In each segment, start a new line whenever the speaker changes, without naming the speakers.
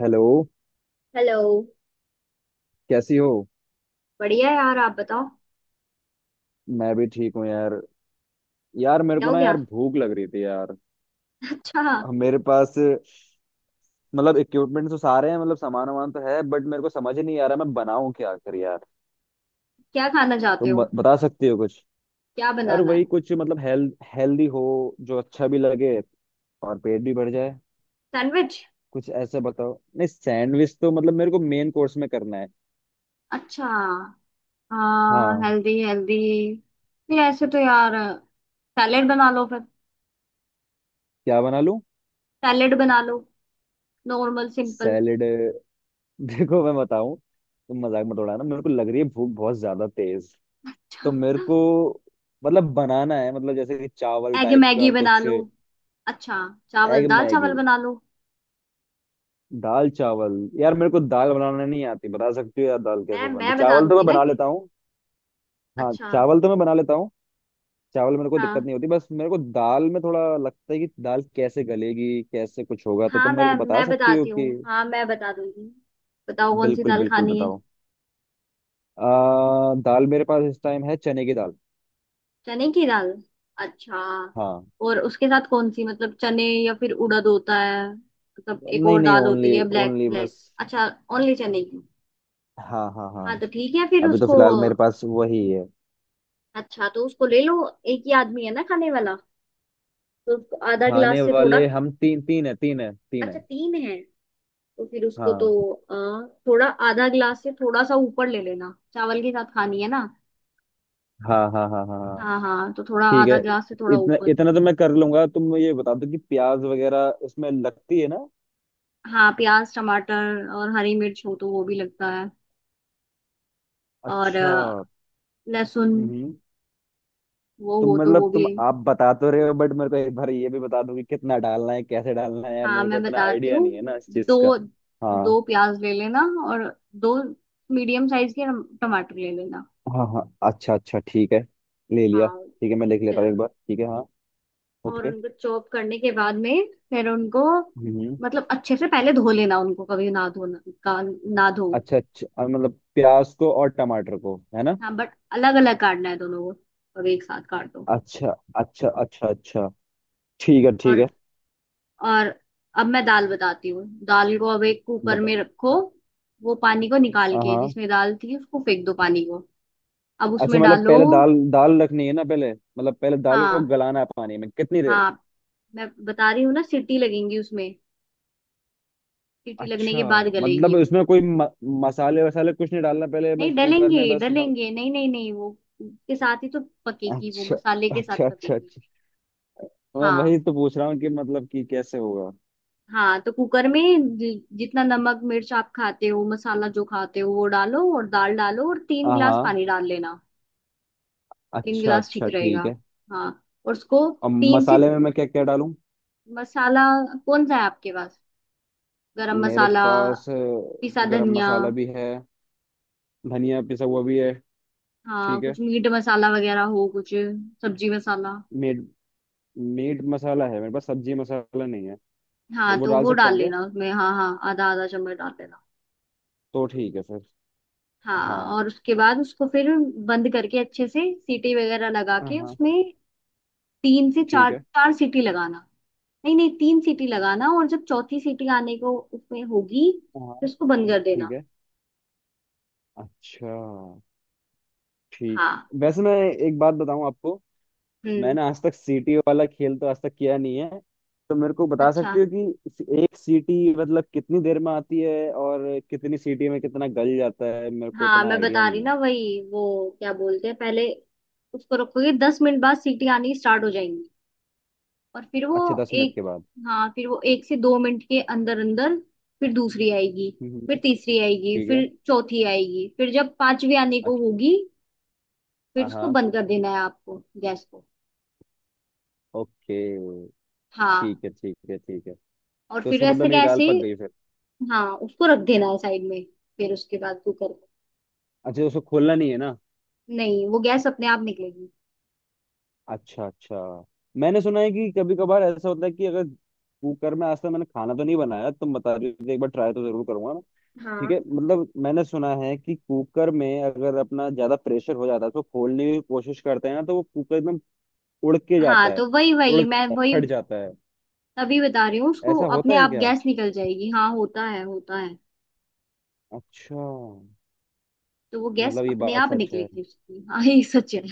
Hello.
Hello.
कैसी हो?
बढ़िया है यार, आप बताओ।
मैं भी ठीक हूँ यार। यार मेरे
क्या
को
हो
ना यार
गया?
भूख लग रही थी यार।
अच्छा।
मेरे पास मतलब इक्विपमेंट तो सारे हैं, मतलब सामान वामान तो है बट मेरे को समझ ही नहीं आ रहा मैं बनाऊं क्या आखिर यार।
क्या खाना चाहते
तुम
हो?
बता सकती हो कुछ?
क्या
यार
बनाना है?
वही कुछ मतलब हेल्थ हेल्दी हो, जो अच्छा भी लगे और पेट भी भर जाए।
सैंडविच।
कुछ ऐसे बताओ, नहीं सैंडविच तो मतलब मेरे को मेन कोर्स में करना है।
अच्छा। हाँ,
हाँ।
Healthy healthy. नहीं, ऐसे तो यार, सैलेड बना लो फिर।
क्या बना लूं?
सैलेड बना लो, नॉर्मल सिंपल।
सैलेड देखो मैं बताऊं तुम मजाक मत उड़ाना, मेरे को लग रही है भूख बहुत ज्यादा तेज।
अच्छा।
तो मेरे को मतलब बनाना है मतलब जैसे कि चावल
एग
टाइप
मैगी
का
बना
कुछ।
लो। अच्छा। चावल
एग
दाल
मैगी।
चावल बना लो।
दाल चावल। यार मेरे को दाल बनाना नहीं आती, बता सकती हो यार दाल
मैं
कैसे बनती?
मैं बता
चावल तो
दूंगी
मैं
ना
बना
कि।
लेता हूँ। हाँ,
अच्छा।
चावल तो मैं बना लेता हूँ। चावल मेरे को दिक्कत
हाँ
नहीं होती, बस मेरे को दाल में थोड़ा लगता है कि दाल कैसे गलेगी, कैसे कुछ होगा, तो
हाँ,
तुम मेरे
मैं
को बता
मैं
सकती हो
बताती
कि
हूँ, हाँ मैं बता दूंगी। बताओ कौन सी
बिल्कुल
दाल
बिल्कुल
खानी है?
बताओ। दाल मेरे पास इस टाइम है चने की दाल।
चने की दाल। अच्छा।
हाँ।
और उसके साथ कौन सी, मतलब चने या फिर उड़द होता है, मतलब एक
नहीं
और
नहीं,
दाल
ओनली।
होती है, ब्लैक
ओनली
ब्लैक।
बस।
अच्छा। ओनली चने की?
हाँ हाँ हाँ।
हाँ, तो ठीक है फिर
अभी तो
उसको।
फिलहाल मेरे पास वही है।
अच्छा, तो उसको ले लो। एक ही आदमी है ना खाने वाला, तो उसको आधा
खाने
गिलास से थोड़ा।
वाले हम तीन तीन है, तीन है तीन
अच्छा,
है।
तीन है। तो फिर उसको तो
हाँ
थोड़ा आधा गिलास से थोड़ा सा ऊपर ले लेना, चावल के साथ खानी है ना?
हाँ हाँ हाँ हाँ हाँ।
हाँ हाँ, तो थोड़ा
ठीक है।
आधा गिलास से थोड़ा
इतना
ऊपर।
इतना तो मैं कर लूंगा, तुम ये बता दो कि प्याज वगैरह उसमें लगती है ना?
हाँ, प्याज टमाटर और हरी मिर्च हो तो वो भी लगता है, और
अच्छा।
लहसुन।
हम्म।
वो
तो
वो तो
मतलब
वो भी।
तुम आप बता तो रहे हो बट मेरे को एक बार ये भी बता दो कि कितना डालना है, कैसे डालना है यार,
हाँ,
मेरे को
मैं
इतना
बताती
आइडिया नहीं है ना
हूँ।
इस चीज का।
दो
हाँ
दो प्याज ले लेना, और दो मीडियम साइज के टमाटर ले लेना।
हाँ हाँ। अच्छा अच्छा ठीक है। ले लिया
हाँ।
ठीक है, मैं लिख लेता हूँ
फिर,
एक बार ठीक है हाँ।
और
ओके।
उनको चॉप करने के बाद में फिर उनको,
हम्म।
मतलब अच्छे से पहले धो लेना उनको, कभी ना धोना का ना धो।
अच्छा अच्छा मतलब प्याज को और टमाटर को है ना?
हाँ, बट अलग अलग काटना है दोनों को, अब एक साथ काट दो।
अच्छा अच्छा अच्छा। अच्छा ठीक है ठीक है।
और, और अब मैं दाल बताती हूँ, दाल को अब एक कुकर में
बता।
रखो। वो पानी को निकाल के
हाँ।
जिसमें दाल थी, उसको फेंक दो पानी को, अब
अच्छा
उसमें
मतलब
डालो।
पहले दाल दाल रखनी है ना, पहले मतलब पहले दाल को
हाँ
गलाना है पानी में कितनी देर?
हाँ, मैं बता रही हूँ ना, सीटी लगेंगी उसमें, सीटी लगने
अच्छा।
के बाद गलेगी
मतलब
वो।
उसमें कोई मसाले वसाले कुछ नहीं डालना पहले, बस
नहीं
कुकर
डलेंगे
में बस
डलेंगे, नहीं नहीं नहीं, वो उसके साथ ही तो पकेगी, वो
अच्छा
मसाले के साथ
अच्छा अच्छा
पकेगी।
अच्छा। मैं
हाँ
वही तो पूछ रहा हूँ कि मतलब कि कैसे होगा।
हाँ, तो कुकर में जितना नमक मिर्च आप खाते हो, मसाला जो खाते हो वो डालो, और दाल डालो, और तीन
हाँ
गिलास
हाँ।
पानी डाल लेना। तीन
अच्छा
गिलास ठीक
अच्छा
रहेगा।
ठीक है।
हाँ, और उसको।
और
तीन से,
मसाले में मैं क्या क्या डालूं?
मसाला कौन सा है आपके पास? गरम
मेरे
मसाला,
पास
पिसा
गरम
धनिया।
मसाला भी है। धनिया पिसा हुआ भी है।
हाँ,
ठीक
कुछ मीट मसाला वगैरह हो कुछ? सब्जी मसाला?
है। मीट मसाला है मेरे पास, सब्जी मसाला नहीं है।
हाँ,
तो वो
तो
डाल
वो
सकता
डाल
हूँ क्या?
लेना उसमें, हाँ हाँ, आधा आधा चम्मच डाल देना।
तो ठीक है फिर।
हाँ,
हाँ
और उसके बाद उसको फिर बंद करके अच्छे से सीटी वगैरह लगा के
हाँ।
उसमें, तीन से
ठीक
चार
है।
चार सीटी लगाना। नहीं नहीं, तीन सीटी लगाना, और जब चौथी सीटी आने को उसमें होगी तो
हाँ।
उसको बंद कर
ठीक
देना।
है। अच्छा। ठीक।
हाँ।
वैसे मैं एक बात बताऊं आपको?
हम्म।
मैंने आज तक सीटी वाला खेल तो आज तक किया नहीं है। तो मेरे को बता
अच्छा।
सकते हो कि एक सीटी मतलब कितनी देर में आती है, और कितनी सीटी में कितना गल जाता है, मेरे को
हाँ,
इतना
मैं
आइडिया
बता रही
नहीं है।
ना, वही वो क्या बोलते हैं, पहले उसको रखोगे 10 मिनट बाद सीटी आनी स्टार्ट हो जाएंगी, और फिर वो
अच्छा, 10 मिनट
एक,
के बाद।
हाँ फिर वो 1 से 2 मिनट के अंदर अंदर फिर दूसरी आएगी,
हम्म।
फिर तीसरी आएगी,
ठीक है।
फिर चौथी आएगी, फिर जब पांचवी आने को
अच्छा।
होगी फिर उसको
हाँ
बंद कर देना है आपको, गैस को।
ओके।
हाँ।
ठीक है ठीक है ठीक है।
और
तो
फिर
इसका
ऐसे
मतलब मेरी दाल
कैसे।
पक गई फिर?
हाँ, उसको रख देना है साइड में, फिर उसके बाद कुकर को,
अच्छा, तो उसको खोलना नहीं है ना?
नहीं वो गैस अपने आप निकलेगी।
अच्छा अच्छा। मैंने सुना है कि कभी कभार ऐसा होता है कि अगर कुकर में, आज तक मैंने खाना तो नहीं बनाया, तुम बता रही हो तो एक बार ट्राई तो जरूर करूंगा मैं। ठीक
हाँ
है। मतलब मैंने सुना है कि कुकर में अगर अपना ज्यादा प्रेशर हो जाता है तो खोलने की कोशिश करते हैं ना तो वो कुकर एकदम उड़ के जाता
हाँ,
है।
तो वही
उड़
वही मैं
जाता है,
वही
फट जाता है।
तभी बता रही हूँ, उसको
ऐसा होता
अपने
है
आप
क्या?
गैस निकल जाएगी हाँ, होता है होता है।
अच्छा,
तो वो गैस
मतलब ये
अपने
बात
आप
सच है।
निकलेगी उसकी, हाँ ये सच है।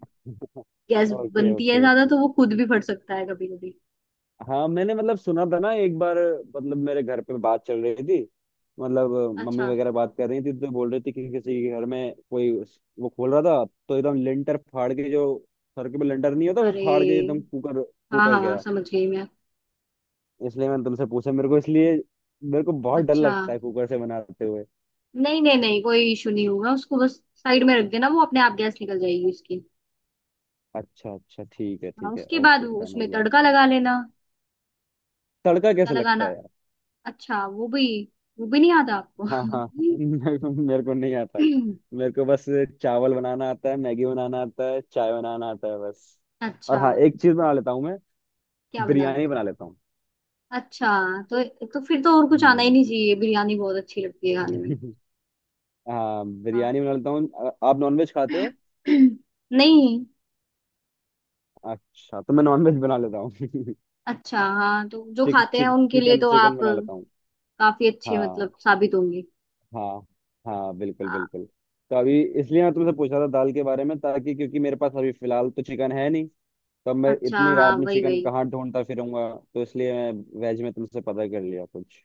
गैस
ओके
बनती है
ओके
ज्यादा
ओके।
तो वो खुद भी फट सकता है कभी कभी।
हाँ मैंने मतलब सुना था ना एक बार, मतलब मेरे घर पे बात चल रही थी, मतलब मम्मी
अच्छा।
वगैरह बात कर रही थी तो बोल रही थी कि किसी के घर में कोई वो खोल रहा था तो एकदम लेंटर फाड़ के जो सर के पे लेंटर नहीं होता वो
अरे,
फाड़ के एकदम कुकर,
हाँ
कुकर
हाँ
गया।
समझ गई मैं।
इसलिए मैंने तुमसे पूछा, मेरे को इसलिए मेरे को बहुत डर
अच्छा।
लगता है कुकर से बनाते हुए।
नहीं नहीं नहीं, कोई इशू नहीं होगा, उसको बस साइड में रख देना, वो अपने आप गैस निकल जाएगी उसकी।
अच्छा अच्छा ठीक है
हाँ,
ठीक है,
उसके बाद
ओके
वो
डन हो
उसमें
गया।
तड़का लगा लेना।
तड़का
तड़का
कैसे लगता
लगाना?
है?
अच्छा, वो भी नहीं आता आपको?
हाँ हाँ मेरे को नहीं आता। मेरे को बस चावल बनाना आता है, मैगी बनाना आता है, चाय बनाना आता है, बस। और
अच्छा।
हाँ, एक चीज बना लेता हूँ मैं।
क्या बना
बिरयानी
लेता हूँ?
बना लेता हूँ।
अच्छा, तो फिर तो और कुछ आना ही
हम्म
नहीं चाहिए, बिरयानी बहुत अच्छी लगती है खाने में।
हाँ
हाँ।
बिरयानी बना लेता हूँ। आप नॉनवेज खाते हो?
नहीं।
अच्छा तो मैं नॉनवेज बना लेता हूँ
अच्छा, हाँ, तो जो
चिक
खाते हैं
चिक
उनके लिए
चिकन
तो
चिकन
आप
बना लेता हूँ।
काफी अच्छे
हाँ
मतलब साबित होंगे।
हाँ हाँ, बिल्कुल
हाँ।
बिल्कुल। तो अभी इसलिए मैं तुमसे पूछा था दाल के बारे में, ताकि क्योंकि मेरे पास अभी फिलहाल तो चिकन है नहीं। तब मैं
अच्छा
इतनी
हाँ,
रात में
वही
चिकन
वही।
कहाँ ढूंढता फिरूंगा। तो इसलिए मैं वेज में तुमसे पता कर लिया कुछ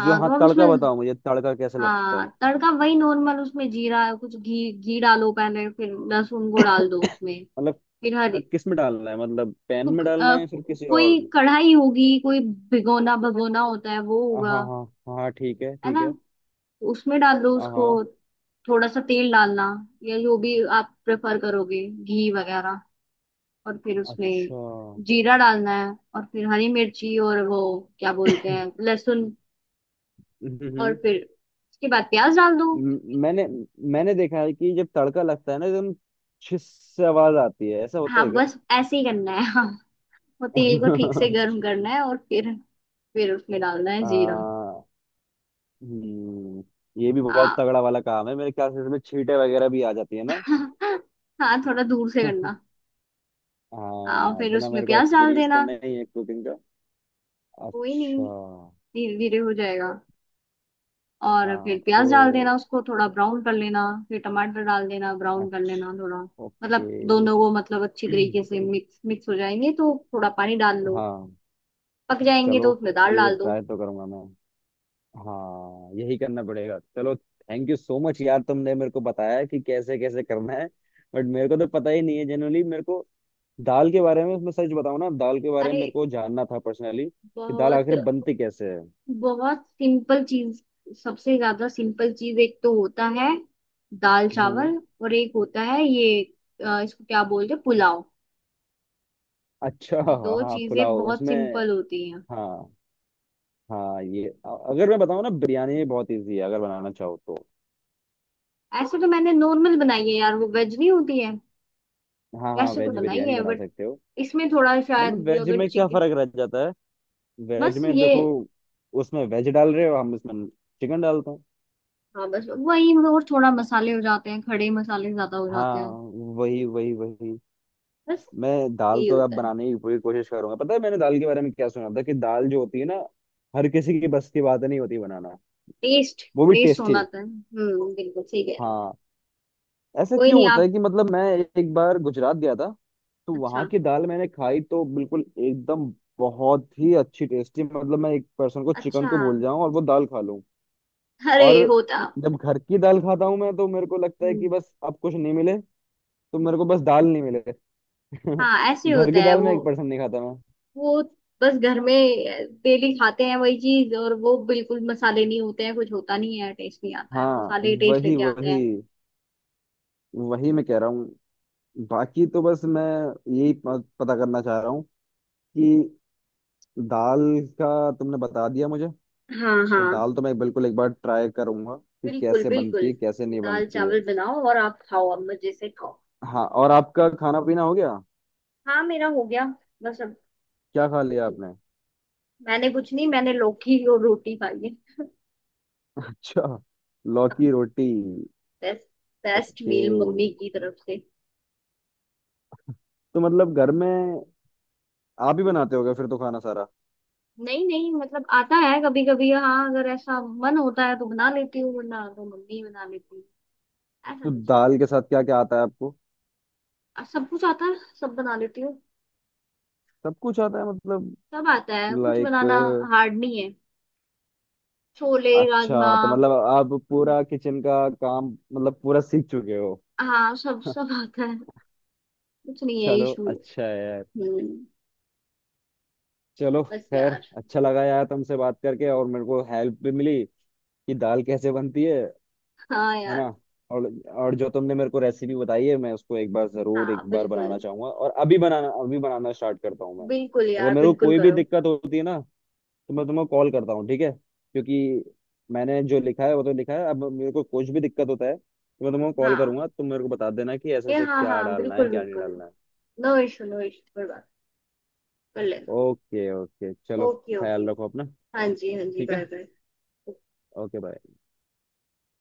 जो। हाँ
तो आप उसमें,
तड़का बताओ मुझे, तड़का कैसा लगता है?
हाँ, तड़का वही नॉर्मल, उसमें जीरा कुछ घी घी डालो पहले, फिर लहसुन को डाल दो उसमें।
मतलब
फिर हर
किस में डालना है, मतलब पैन
तो,
में
क-
डालना
अ,
है या फिर किसी और
कोई
में?
कढ़ाई होगी, कोई भिगोना भगोना होता है, वो
हाँ
होगा
हाँ हाँ हाँ, ठीक है
है
ठीक
ना?
है।
तो उसमें डाल दो उसको,
हाँ।
थोड़ा सा तेल डालना, या जो भी आप प्रेफर करोगे, घी वगैरह। और फिर उसमें
अच्छा। हम्म।
जीरा डालना है, और फिर हरी मिर्ची और वो क्या बोलते हैं, लहसुन। और
हम्म।
फिर उसके बाद प्याज डाल दो।
म- मैंने मैंने देखा है कि जब तड़का लगता है ना एकदम छिस से आवाज आती है, ऐसा होता
हाँ,
है क्या?
बस ऐसे ही करना है। हाँ, वो तेल को ठीक से गर्म करना है और फिर, उसमें डालना है जीरा।
आ। हम्म। ये भी बहुत
हाँ।
तगड़ा वाला काम है मेरे ख्याल से, इसमें छींटे वगैरह भी आ जाती है।
हाँ, थोड़ा दूर से करना। हाँ,
हाँ
फिर
इतना
उसमें
मेरे को
प्याज डाल
एक्सपीरियंस तो
देना।
नहीं है कुकिंग का।
कोई नहीं,
अच्छा।
धीरे धीरे हो जाएगा। और फिर
हाँ
प्याज डाल देना,
तो।
उसको थोड़ा ब्राउन कर लेना, फिर टमाटर डाल देना, ब्राउन कर लेना
अच्छा।
थोड़ा,
ओके।
मतलब दोनों को मतलब अच्छी तरीके से मिक्स मिक्स हो जाएंगे तो थोड़ा पानी डाल लो।
हाँ
पक जाएंगे
चलो
तो उसमें दाल
ये
डाल दो।
ट्राई तो करूंगा मैं। हाँ यही करना पड़ेगा। चलो थैंक यू सो मच यार, तुमने मेरे को बताया कि कैसे कैसे करना है। बट मेरे को तो पता ही नहीं है जनरली मेरे को दाल के बारे में। मैं सच बताऊं ना, दाल के बारे
अरे,
में मेरे को जानना था पर्सनली कि दाल
बहुत
आखिर बनती कैसे है।
बहुत सिंपल चीज, सबसे ज्यादा सिंपल चीज एक तो होता है दाल
हम्म।
चावल, और एक होता है ये इसको क्या बोलते हैं, पुलाव।
अच्छा
ये
हाँ
दो
हाँ,
चीजें
पुलाव
बहुत
उसमें।
सिंपल होती हैं।
हाँ हाँ ये अगर मैं बताऊँ ना, बिरयानी बहुत इजी है अगर बनाना चाहो तो।
ऐसे तो मैंने नॉर्मल बनाई है यार, वो वेज नहीं होती है।
हाँ हाँ,
वैसे तो
वेज
बनाई
बिरयानी
है,
बना
बट
सकते हो।
इसमें थोड़ा शायद
मतलब वेज
अगर
में क्या
चिकन,
फर्क रह जाता है? वेज
बस
में
ये,
देखो, उसमें वेज डाल रहे हो, हम उसमें चिकन डालते हैं।
हाँ बस वही मतलब, और थोड़ा मसाले हो जाते हैं, खड़े मसाले ज्यादा हो जाते
हाँ
हैं।
वही वही वही।
बस,
मैं दाल
यही
तो अब
होता है।
बनाने की पूरी कोशिश करूंगा। पता है मैंने दाल के बारे में क्या सुना था, कि दाल जो होती है ना, हर किसी की बस की बात नहीं होती बनाना।
टेस्ट,
वो भी
टेस्ट
टेस्टी।
होना था, हम्म, बिल्कुल सही कह रहे हो।
हाँ, ऐसा
कोई
क्यों
नहीं
होता
आप,
है कि मतलब मैं एक बार गुजरात गया था, तो वहां
अच्छा
की दाल मैंने खाई तो बिल्कुल एकदम बहुत ही अच्छी टेस्टी, मतलब मैं एक पर्सन को चिकन
अच्छा,
को भूल जाऊं और वो दाल खा लूं। और
अरे होता।
जब घर की दाल खाता हूं मैं, तो मेरे को लगता है कि
हम्म।
बस अब कुछ नहीं मिले तो मेरे को बस दाल नहीं मिले
हाँ, ऐसे
घर
होता
की
है
दाल में
वो
एक पर्सन नहीं खाता मैं।
वो बस घर में डेली खाते हैं वही चीज, और वो बिल्कुल मसाले नहीं होते हैं, कुछ होता नहीं है, टेस्ट नहीं आता है,
हाँ
मसाले टेस्ट
वही
लेके आते
वही
हैं।
वही, मैं कह रहा हूँ। बाकी तो बस मैं यही पता करना चाह रहा हूँ कि दाल का तुमने बता दिया मुझे,
हाँ
तो
हाँ,
दाल तो मैं बिल्कुल एक बार ट्राई करूंगा कि
बिल्कुल
कैसे
बिल्कुल।
बनती है, कैसे नहीं
दाल
बनती है।
चावल बनाओ और आप खाओ, अब मजे से खाओ।
हाँ और आपका खाना पीना हो गया?
हाँ, मेरा हो गया। बस अब।
क्या खा लिया आपने?
मैंने कुछ नहीं, मैंने लौकी और रोटी खाई है।
अच्छा, लौकी रोटी।
Best, best
okay,
meal mummy की तरफ से।
तो मतलब घर में आप ही बनाते होगे फिर तो खाना सारा?
नहीं नहीं, मतलब आता है कभी कभी, हाँ, अगर ऐसा मन होता है तो बना लेती हूँ, वरना तो मम्मी ही बना लेती हूँ। ऐसा
तो
कुछ नहीं।
दाल के साथ क्या क्या आता है आपको?
सब कुछ आता है, सब बना लेती हूँ।
सब कुछ आता है मतलब?
सब आता है, कुछ
लाइक?
बनाना हार्ड नहीं है। छोले, राजमा।
अच्छा तो मतलब आप पूरा किचन का काम मतलब पूरा सीख चुके हो।
हाँ, सब सब आता है, कुछ नहीं है
चलो
इशू।
अच्छा है यार।
हम्म।
चलो
बस
खैर।
यार।
अच्छा लगा यार तुमसे बात करके, और मेरे को हेल्प भी मिली कि दाल कैसे बनती है
हाँ
है ना?
यार।
और और जो तुमने मेरे को रेसिपी बताई है मैं उसको एक बार जरूर, एक
हाँ
बार
बिल्कुल
बनाना चाहूंगा, और अभी बनाना, अभी बनाना स्टार्ट करता हूँ मैं।
बिल्कुल
अगर
यार,
मेरे को
बिल्कुल
कोई भी
करो।
दिक्कत होती है ना तो मैं तुम्हें कॉल करता हूँ, ठीक है? क्योंकि मैंने जो लिखा है वो तो लिखा है, अब मेरे को कुछ भी दिक्कत होता है तो मैं तुम्हें कॉल
हाँ,
करूंगा, तुम मेरे को बता देना कि ऐसे
ये,
ऐसे
हाँ
क्या
हाँ,
डालना है
बिल्कुल
क्या नहीं
बिल्कुल,
डालना है।
नो इशू, नो इशू, कोई बात कर लेना।
ओके ओके चलो,
ओके ओके।
ख्याल रखो अपना।
हाँ जी, हाँ जी,
ठीक है।
Bye bye.
Okay bye.